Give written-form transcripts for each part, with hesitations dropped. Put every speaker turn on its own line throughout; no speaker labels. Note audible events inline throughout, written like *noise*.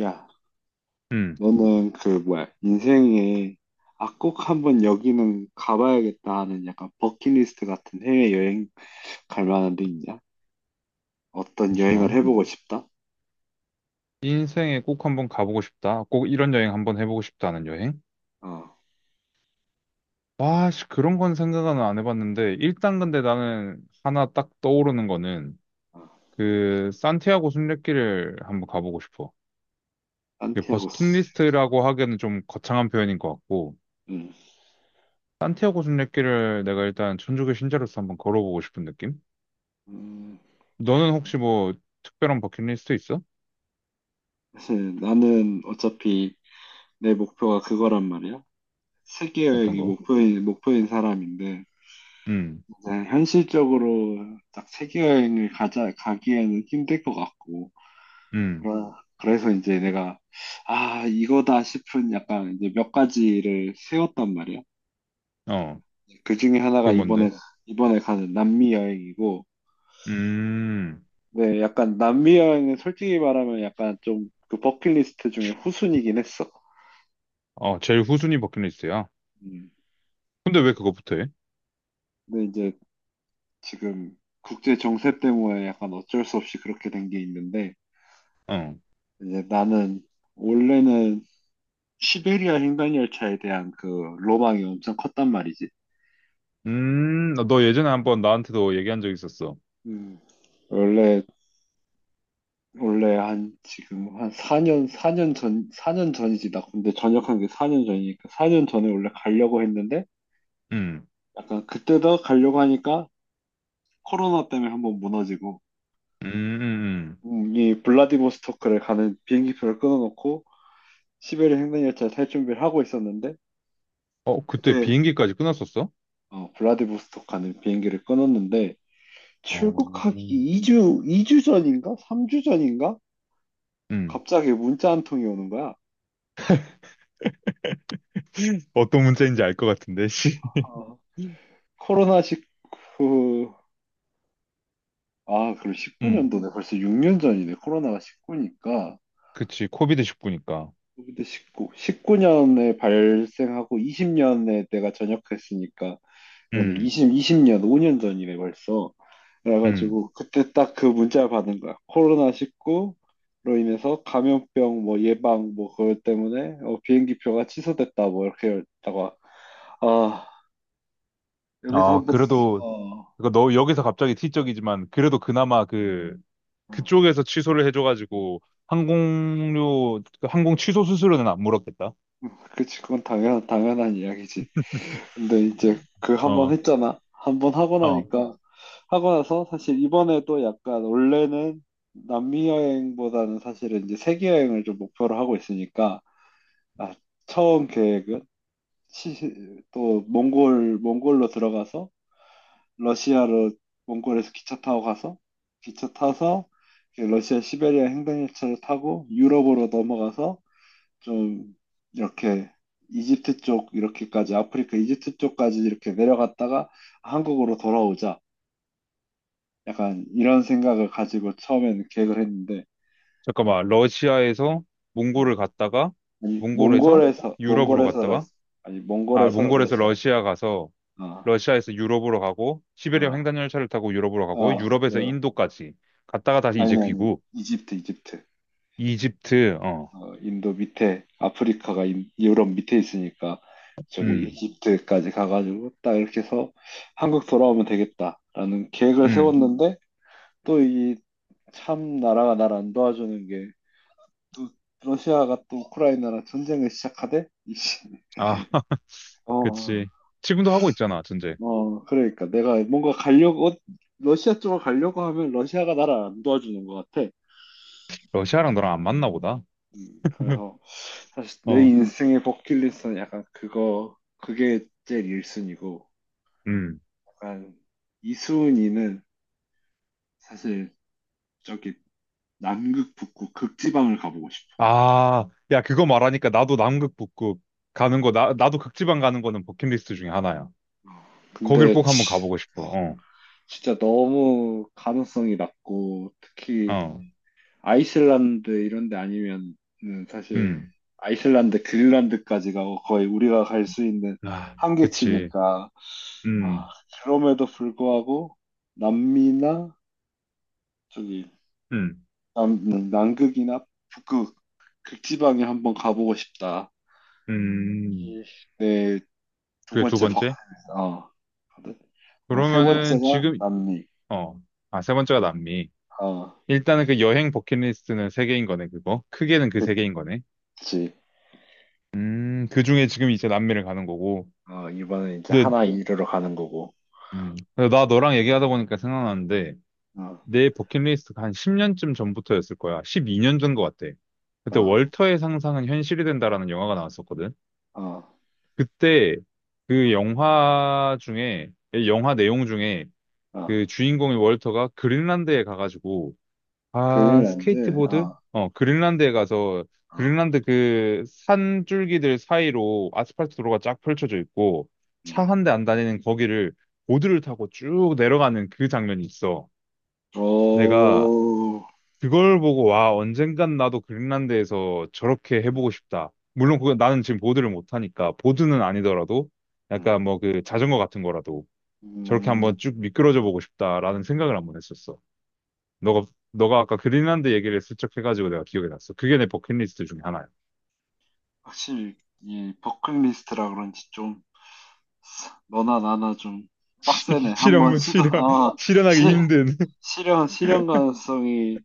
야,
음,
너는 그 뭐야 인생에 아 꼭 한번 여기는 가봐야겠다 하는 약간 버킷리스트 같은 해외 여행 갈 만한 데 있냐? 어떤 여행을
잠시만.
해보고 싶다?
인생에 꼭 한번 가보고 싶다. 꼭 이런 여행 한번 해보고 싶다는 여행?
어,
와, 씨, 그런 건 생각은 안 해봤는데, 일단 근데 나는 하나 딱 떠오르는 거는,
어,
그, 산티아고 순례길을 한번 가보고 싶어. 그
산티아고스.
버스킷리스트라고 하기에는 좀 거창한 표현인 것 같고,
음,
산티아고 순례길을 내가 일단 천주교 신자로서 한번 걸어보고 싶은 느낌?
음,
너는 혹시 뭐, 특별한 버킷리스트 있어?
사실 나는 어차피 내 목표가 그거란 말이야. 세계
어떤
여행이
거?
목표인 사람인데,
음,
이제 현실적으로 딱 세계 여행을 가자 가기에는 힘들 것 같고.
음,
그러- 그래서 이제 내가, 아, 이거다 싶은 약간 이제 몇 가지를 세웠단 말이야.
어,
그 중에
그
하나가 이번에,
뭔데?
이번에 가는 남미 여행이고,
음.
네, 약간 남미 여행은 솔직히 말하면 약간 좀 그 버킷리스트 중에 후순이긴 했어.
어, 제일 후순위 버킷리스트야.
음.
근데 왜 그거부터 해?
근데 이제 지금 국제 정세 때문에 약간 어쩔 수 없이 그렇게 된 게 있는데,
어.
이제 나는 원래는 시베리아 횡단열차에 대한 그 로망이 엄청 컸단 말이지.
너 예전에 한번 나한테도 얘기한 적 있었어.
음. 원래 원래 한 지금 한 4년 사 년 전 사 년 전이지 나. 근데 전역한 게 4년 전이니까 4년 전에 원래 가려고 했는데,
음,
약간 그때도 가려고 하니까 코로나 때문에 한번 무너지고,
음, 음.
이 블라디보스토크를 가는 비행기표를 끊어놓고 시베리아 횡단열차 탈 준비를 하고 있었는데,
어, 그때
그때
비행기까지 끊었었어?
어, 블라디보스토크 가는 비행기를 끊었는데,
어,
출국하기
음.
2주 이 주 전인가 3주 전인가
음.
갑자기 문자 한 통이 오는 거야.
*laughs* 어떤 문제인지 알 것 같은데, 씨.
어,
*laughs*
코로나 19. 아, 그럼
음,
19년도네. 벌써 6년 전이네. 코로나가 19니까.
그치. 코비드 19니까.
그때 19, 19년에 발생하고 20년에 내가 전역했으니까. 그러네.
음,
20, 20년, 5년 전이네, 벌써.
음.
그래가지고, 그때 딱 그 문자를 받은 거야. 코로나19로 인해서 감염병 뭐 예방 뭐 그것 때문에 어, 비행기 표가 취소됐다 뭐 이렇게 했다가, 아, 여기서
아,
한번,
그래도,
어,
그거 너 여기서 갑자기 티적이지만, 그래도 그나마 그, 그쪽에서 취소를 해줘가지고, 항공료, 그 항공 취소 수수료는 안 물었겠다.
그치, 그건 당연한 이야기지. 근데 이제 그 한 번
어,
했잖아. 한 번 하고
어.
나니까, 어, 하고 나서 사실 이번에 또 약간 원래는 남미 여행보다는 사실은 이제 세계 여행을 좀 목표로 하고 있으니까, 아, 처음 계획은 또 몽골로 들어가서 러시아로, 몽골에서 기차 타고 가서 기차 타서 이렇게 러시아 시베리아 횡단열차를 타고 유럽으로 넘어가서 좀 이렇게 이집트 쪽 이렇게까지 아프리카 이집트 쪽까지 이렇게 내려갔다가 한국으로 돌아오자 약간 이런 생각을 가지고 처음에는 계획을 했는데,
잠깐만, 러시아에서 몽골을
어,
갔다가,
아니
몽골에서
몽골에서
유럽으로
몽골에서 러시
갔다가,
아니
아,
몽골에서
몽골에서
러시아,
러시아 가서, 러시아에서 유럽으로 가고, 시베리아
어어어,
횡단열차를 타고 유럽으로 가고, 유럽에서 인도까지 갔다가 다시 이제
아니 아니
귀국.
이집트,
이집트, 어,
어 인도 밑에 아프리카가 유럽 밑에 있으니까 저기
음,
이집트까지 가가지고 딱 이렇게 해서 한국 돌아오면 되겠다라는 계획을
음.
세웠는데, 또 이 참 나라가 나를 안 도와주는 게, 또 러시아가 또 우크라이나랑 전쟁을 시작하대? 이씨.
아, *laughs*
어,
그치. 지금도 하고 있잖아, 전제.
어, 그러니까 내가 뭔가 가려고 어, 러시아 쪽으로 가려고 하면 러시아가 나를 안 도와주는 것 같아.
러시아랑 너랑 안 맞나 보다.
그래서 사실 내
어,
인생의 버킷리스트는 약간 그거 그게 제일 1순위고,
음.
약간 2순위는 사실 저기 남극 북극 극지방을 가보고 싶어.
아, 야, 그거 말하니까 나도 남극 북극 가는 거, 나도 극지방 가는 거는 버킷리스트 중에 하나야. 거길
근데
꼭
치,
한번 가보고 싶어.
어,
어,
진짜 너무 가능성이 낮고, 특히
어.
아이슬란드 이런 데 아니면 사실
음,
아이슬란드, 그린란드까지가 거의 우리가 갈 수 있는
아, 그치.
한계치니까. 아,
음,
그럼에도 불구하고 남미나 저기
음,
남, 남극이나 북극 극지방에 한번 가보고 싶다.
음.
이 네, 두
그게 두
번째 박,
번째?
어. 그리고 세
그러면은
번째가
지금,
남미.
어, 아, 세 번째가 남미.
어,
일단은 그 여행 버킷리스트는 세 개인 거네, 그거. 크게는 그 세 개인 거네.
그치.
그 중에 지금 이제 남미를 가는 거고.
어, 이번엔 이제
근데,
하나 이르러 가는 거고.
근데 나 너랑 얘기하다 보니까 생각나는데,
어,
내 버킷리스트가 한 10년쯤 전부터였을 거야. 12년 전 거 같아. 그때
어,
월터의 상상은 현실이 된다라는 영화가 나왔었거든.
어,
그때 그 영화 중에, 예, 영화 내용 중에
어.
그 주인공인 월터가 그린란드에 가가지고, 아,
그린란드.
스케이트보드?
어,
어, 그린란드에 가서,
어,
그린란드 그 산줄기들 사이로 아스팔트 도로가 쫙 펼쳐져 있고, 차
음.
한 대 안 다니는 거기를 보드를 타고 쭉 내려가는 그 장면이 있어. 내가
오,
그걸 보고 와 언젠간 나도 그린란드에서 저렇게
음,
해보고 싶다. 물론 그건 나는 지금 보드를 못하니까 보드는 아니더라도
음,
약간 뭐 그 자전거 같은 거라도 저렇게
음.
한번 쭉 미끄러져 보고 싶다라는 생각을 한번 했었어. 너가 너가 아까 그린란드 얘기를 슬쩍 해가지고 내가 기억이 났어. 그게 내 버킷리스트 중에 하나야.
확실히 이 버킷리스트라 그런지 좀 너나 나나 좀 빡세네.
*laughs*
한번
실현 실현 실현하기
실,
힘든 *laughs*
실현 가능성이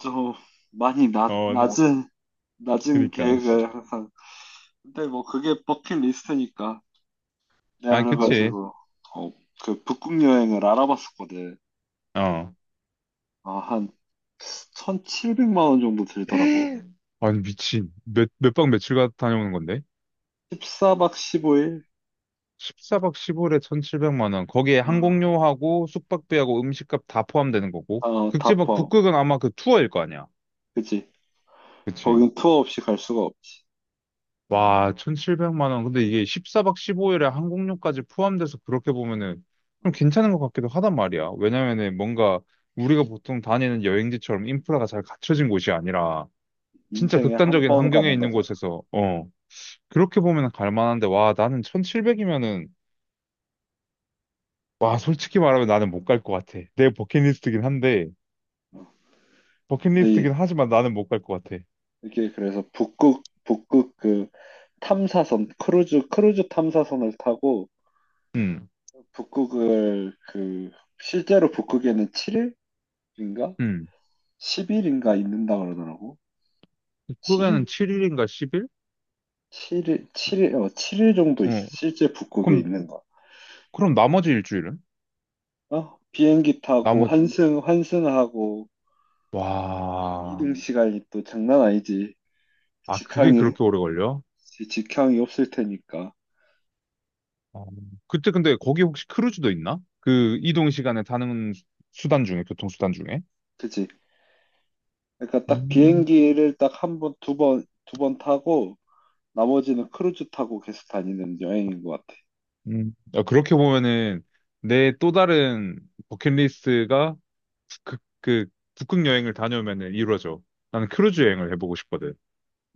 좀 많이 낮,
어
낮은, 낮은
그니까
계획을 항상. 근데 뭐 그게 버킷리스트니까. 내가
아 그치
그래가지고 어, 그 북극 여행을 알아봤었거든.
어 *gasps*
아, 한 1,700만 원 정도 들더라고.
*laughs* 아니 미친 몇 박 며칠 가 다녀오는 건데?
14박 15일?
14박 15일에 1,700만 원. 거기에
어,
항공료하고 숙박비하고 음식값 다 포함되는 거고.
어, 다
극지박
포함.
북극은 아마 그 투어일 거 아니야.
그치?
그치?
거긴 투어 없이 갈 수가 없지.
와, 1,700만 원. 근데 이게 14박 15일에 항공료까지 포함돼서 그렇게 보면은 좀 괜찮은 것 같기도 하단 말이야. 왜냐면은 뭔가 우리가 보통 다니는 여행지처럼 인프라가 잘 갖춰진 곳이 아니라 진짜
인생에 한
극단적인
번
환경에
가는
있는
거잖아.
곳에서 어, 그렇게 보면 갈 만한데 와, 나는 1,700이면은 와, 솔직히 말하면 나는 못 갈 것 같아. 내 버킷리스트긴 한데
근데
버킷리스트긴 하지만 나는 못 갈 것 같아.
이게 그래서 북극, 북극 그 탐사선, 크루즈 탐사선을 타고
응
북극을 그 실제로 북극에는 7일인가?
응.
10일인가 있는다 그러더라고.
북극에는 7일인가 10일?
7일, 칠일 어, 칠일 정도
어.
실제 북극에
그럼,
있는 거.
그럼 나머지 일주일은?
어? 비행기 타고
나머지,
환승하고.
와.
이동 시간이 또 장난 아니지.
아, 그게
직항이,
그렇게 오래 걸려?
직항이 없을 테니까.
어. 그때 근데 거기 혹시 크루즈도 있나? 그 이동 시간에 타는 수- 수단 중에, 교통수단 중에?
그치? 그러니까 딱
음,
비행기를 딱 한 번, 두 번, 타고 나머지는 크루즈 타고 계속 다니는 여행인 것 같아.
야, 그렇게 보면은 내 또 다른 버킷리스트가 그 북극 여행을 다녀오면은 이루어져. 나는 크루즈 여행을 해보고 싶거든.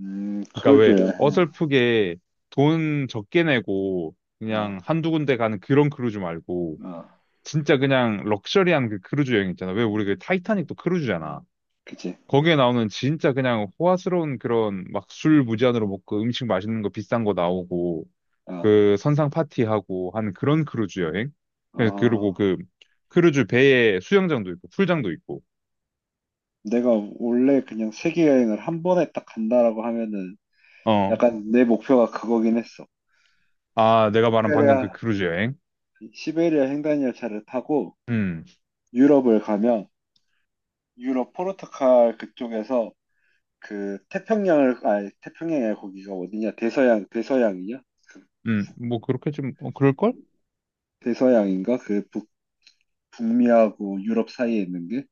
그러니까
크루즈
왜
여행.
어설프게 돈 적게 내고 그냥
아,
한두 군데 가는 그런 크루즈 말고
아,
진짜 그냥 럭셔리한 그 크루즈 여행 있잖아. 왜 우리 그
음,
타이타닉도 크루즈잖아.
그치?
거기에 나오는 진짜 그냥 호화스러운 그런 막 술 무제한으로 먹고 음식 맛있는 거 비싼 거 나오고
아,
그 선상 파티하고 하는 그런 크루즈 여행. 그- 그리고
아.
그 크루즈 배에 수영장도 있고 풀장도 있고.
내가 원래 그냥 세계 여행을 한 번에 딱 간다라고 하면은
어.
약간 내 목표가 그거긴 했어.
아, 내가 말한 방금
시베리아,
그 크루즈 여행.
시베리아 횡단열차를 타고
음.
유럽을 가면 유럽 포르투갈 그쪽에서 그 태평양을, 아니 태평양이 거기가 어디냐? 대서양이냐? 그
음. 뭐 그렇게 좀 어, 그럴걸?
대서양인가? 그 북, 북미하고 유럽 사이에 있는 게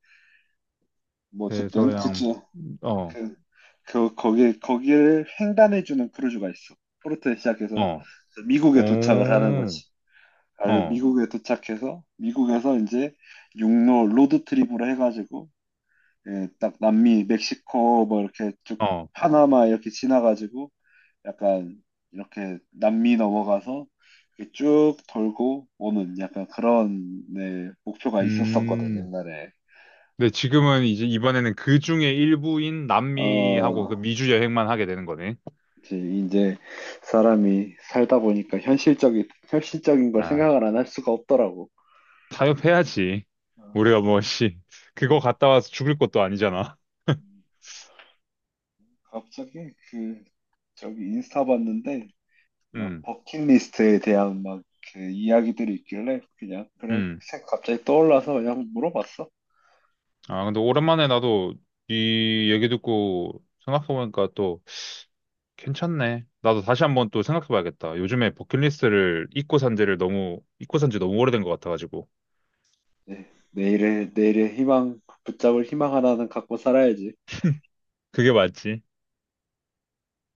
뭐어쨌든
대서양,
그중,
어,
그, 그 거기를 횡단해주는 크루즈가 있어. 포르투에 시작해서
어,
미국에 도착을 하는
오,
거지. 아
어,
미국에 도착해서 미국에서 이제 육로 로드트립으로 해가지고 예, 딱 남미 멕시코 뭐 이렇게 쭉
어,
파나마 이렇게 지나가지고 약간 이렇게 남미 넘어가서 이렇게 쭉 돌고 오는 약간 그런 네, 목표가 있었었거든
음.
옛날에.
근데 지금은 이제 이번에는 그 중에 일부인 남미하고 그
어,
미주 여행만 하게 되는 거네.
이제 사람이 살다 보니까 현실적인 걸
아,
생각을 안 할 수가 없더라고.
타협해야지.
어,
우리가 뭐, 씨, 그거
음,
갔다 와서 죽을 것도 아니잖아.
음. 갑자기 그 저기 인스타 봤는데 막
음,
버킷리스트에 대한 막 그 이야기들이 있길래 그냥 그래
음.
갑자기 떠올라서 그냥 물어봤어.
아, 근데 오랜만에 나도 이 얘기 듣고 생각해보니까 또 괜찮네. 나도 다시 한번 또 생각해봐야겠다. 요즘에 버킷리스트를 잊고 산 지를 너무, 잊고 산지 너무 오래된 것 같아가지고.
네, 내일의 희망, 붙잡을 희망 하나는 갖고 살아야지.
그게 맞지.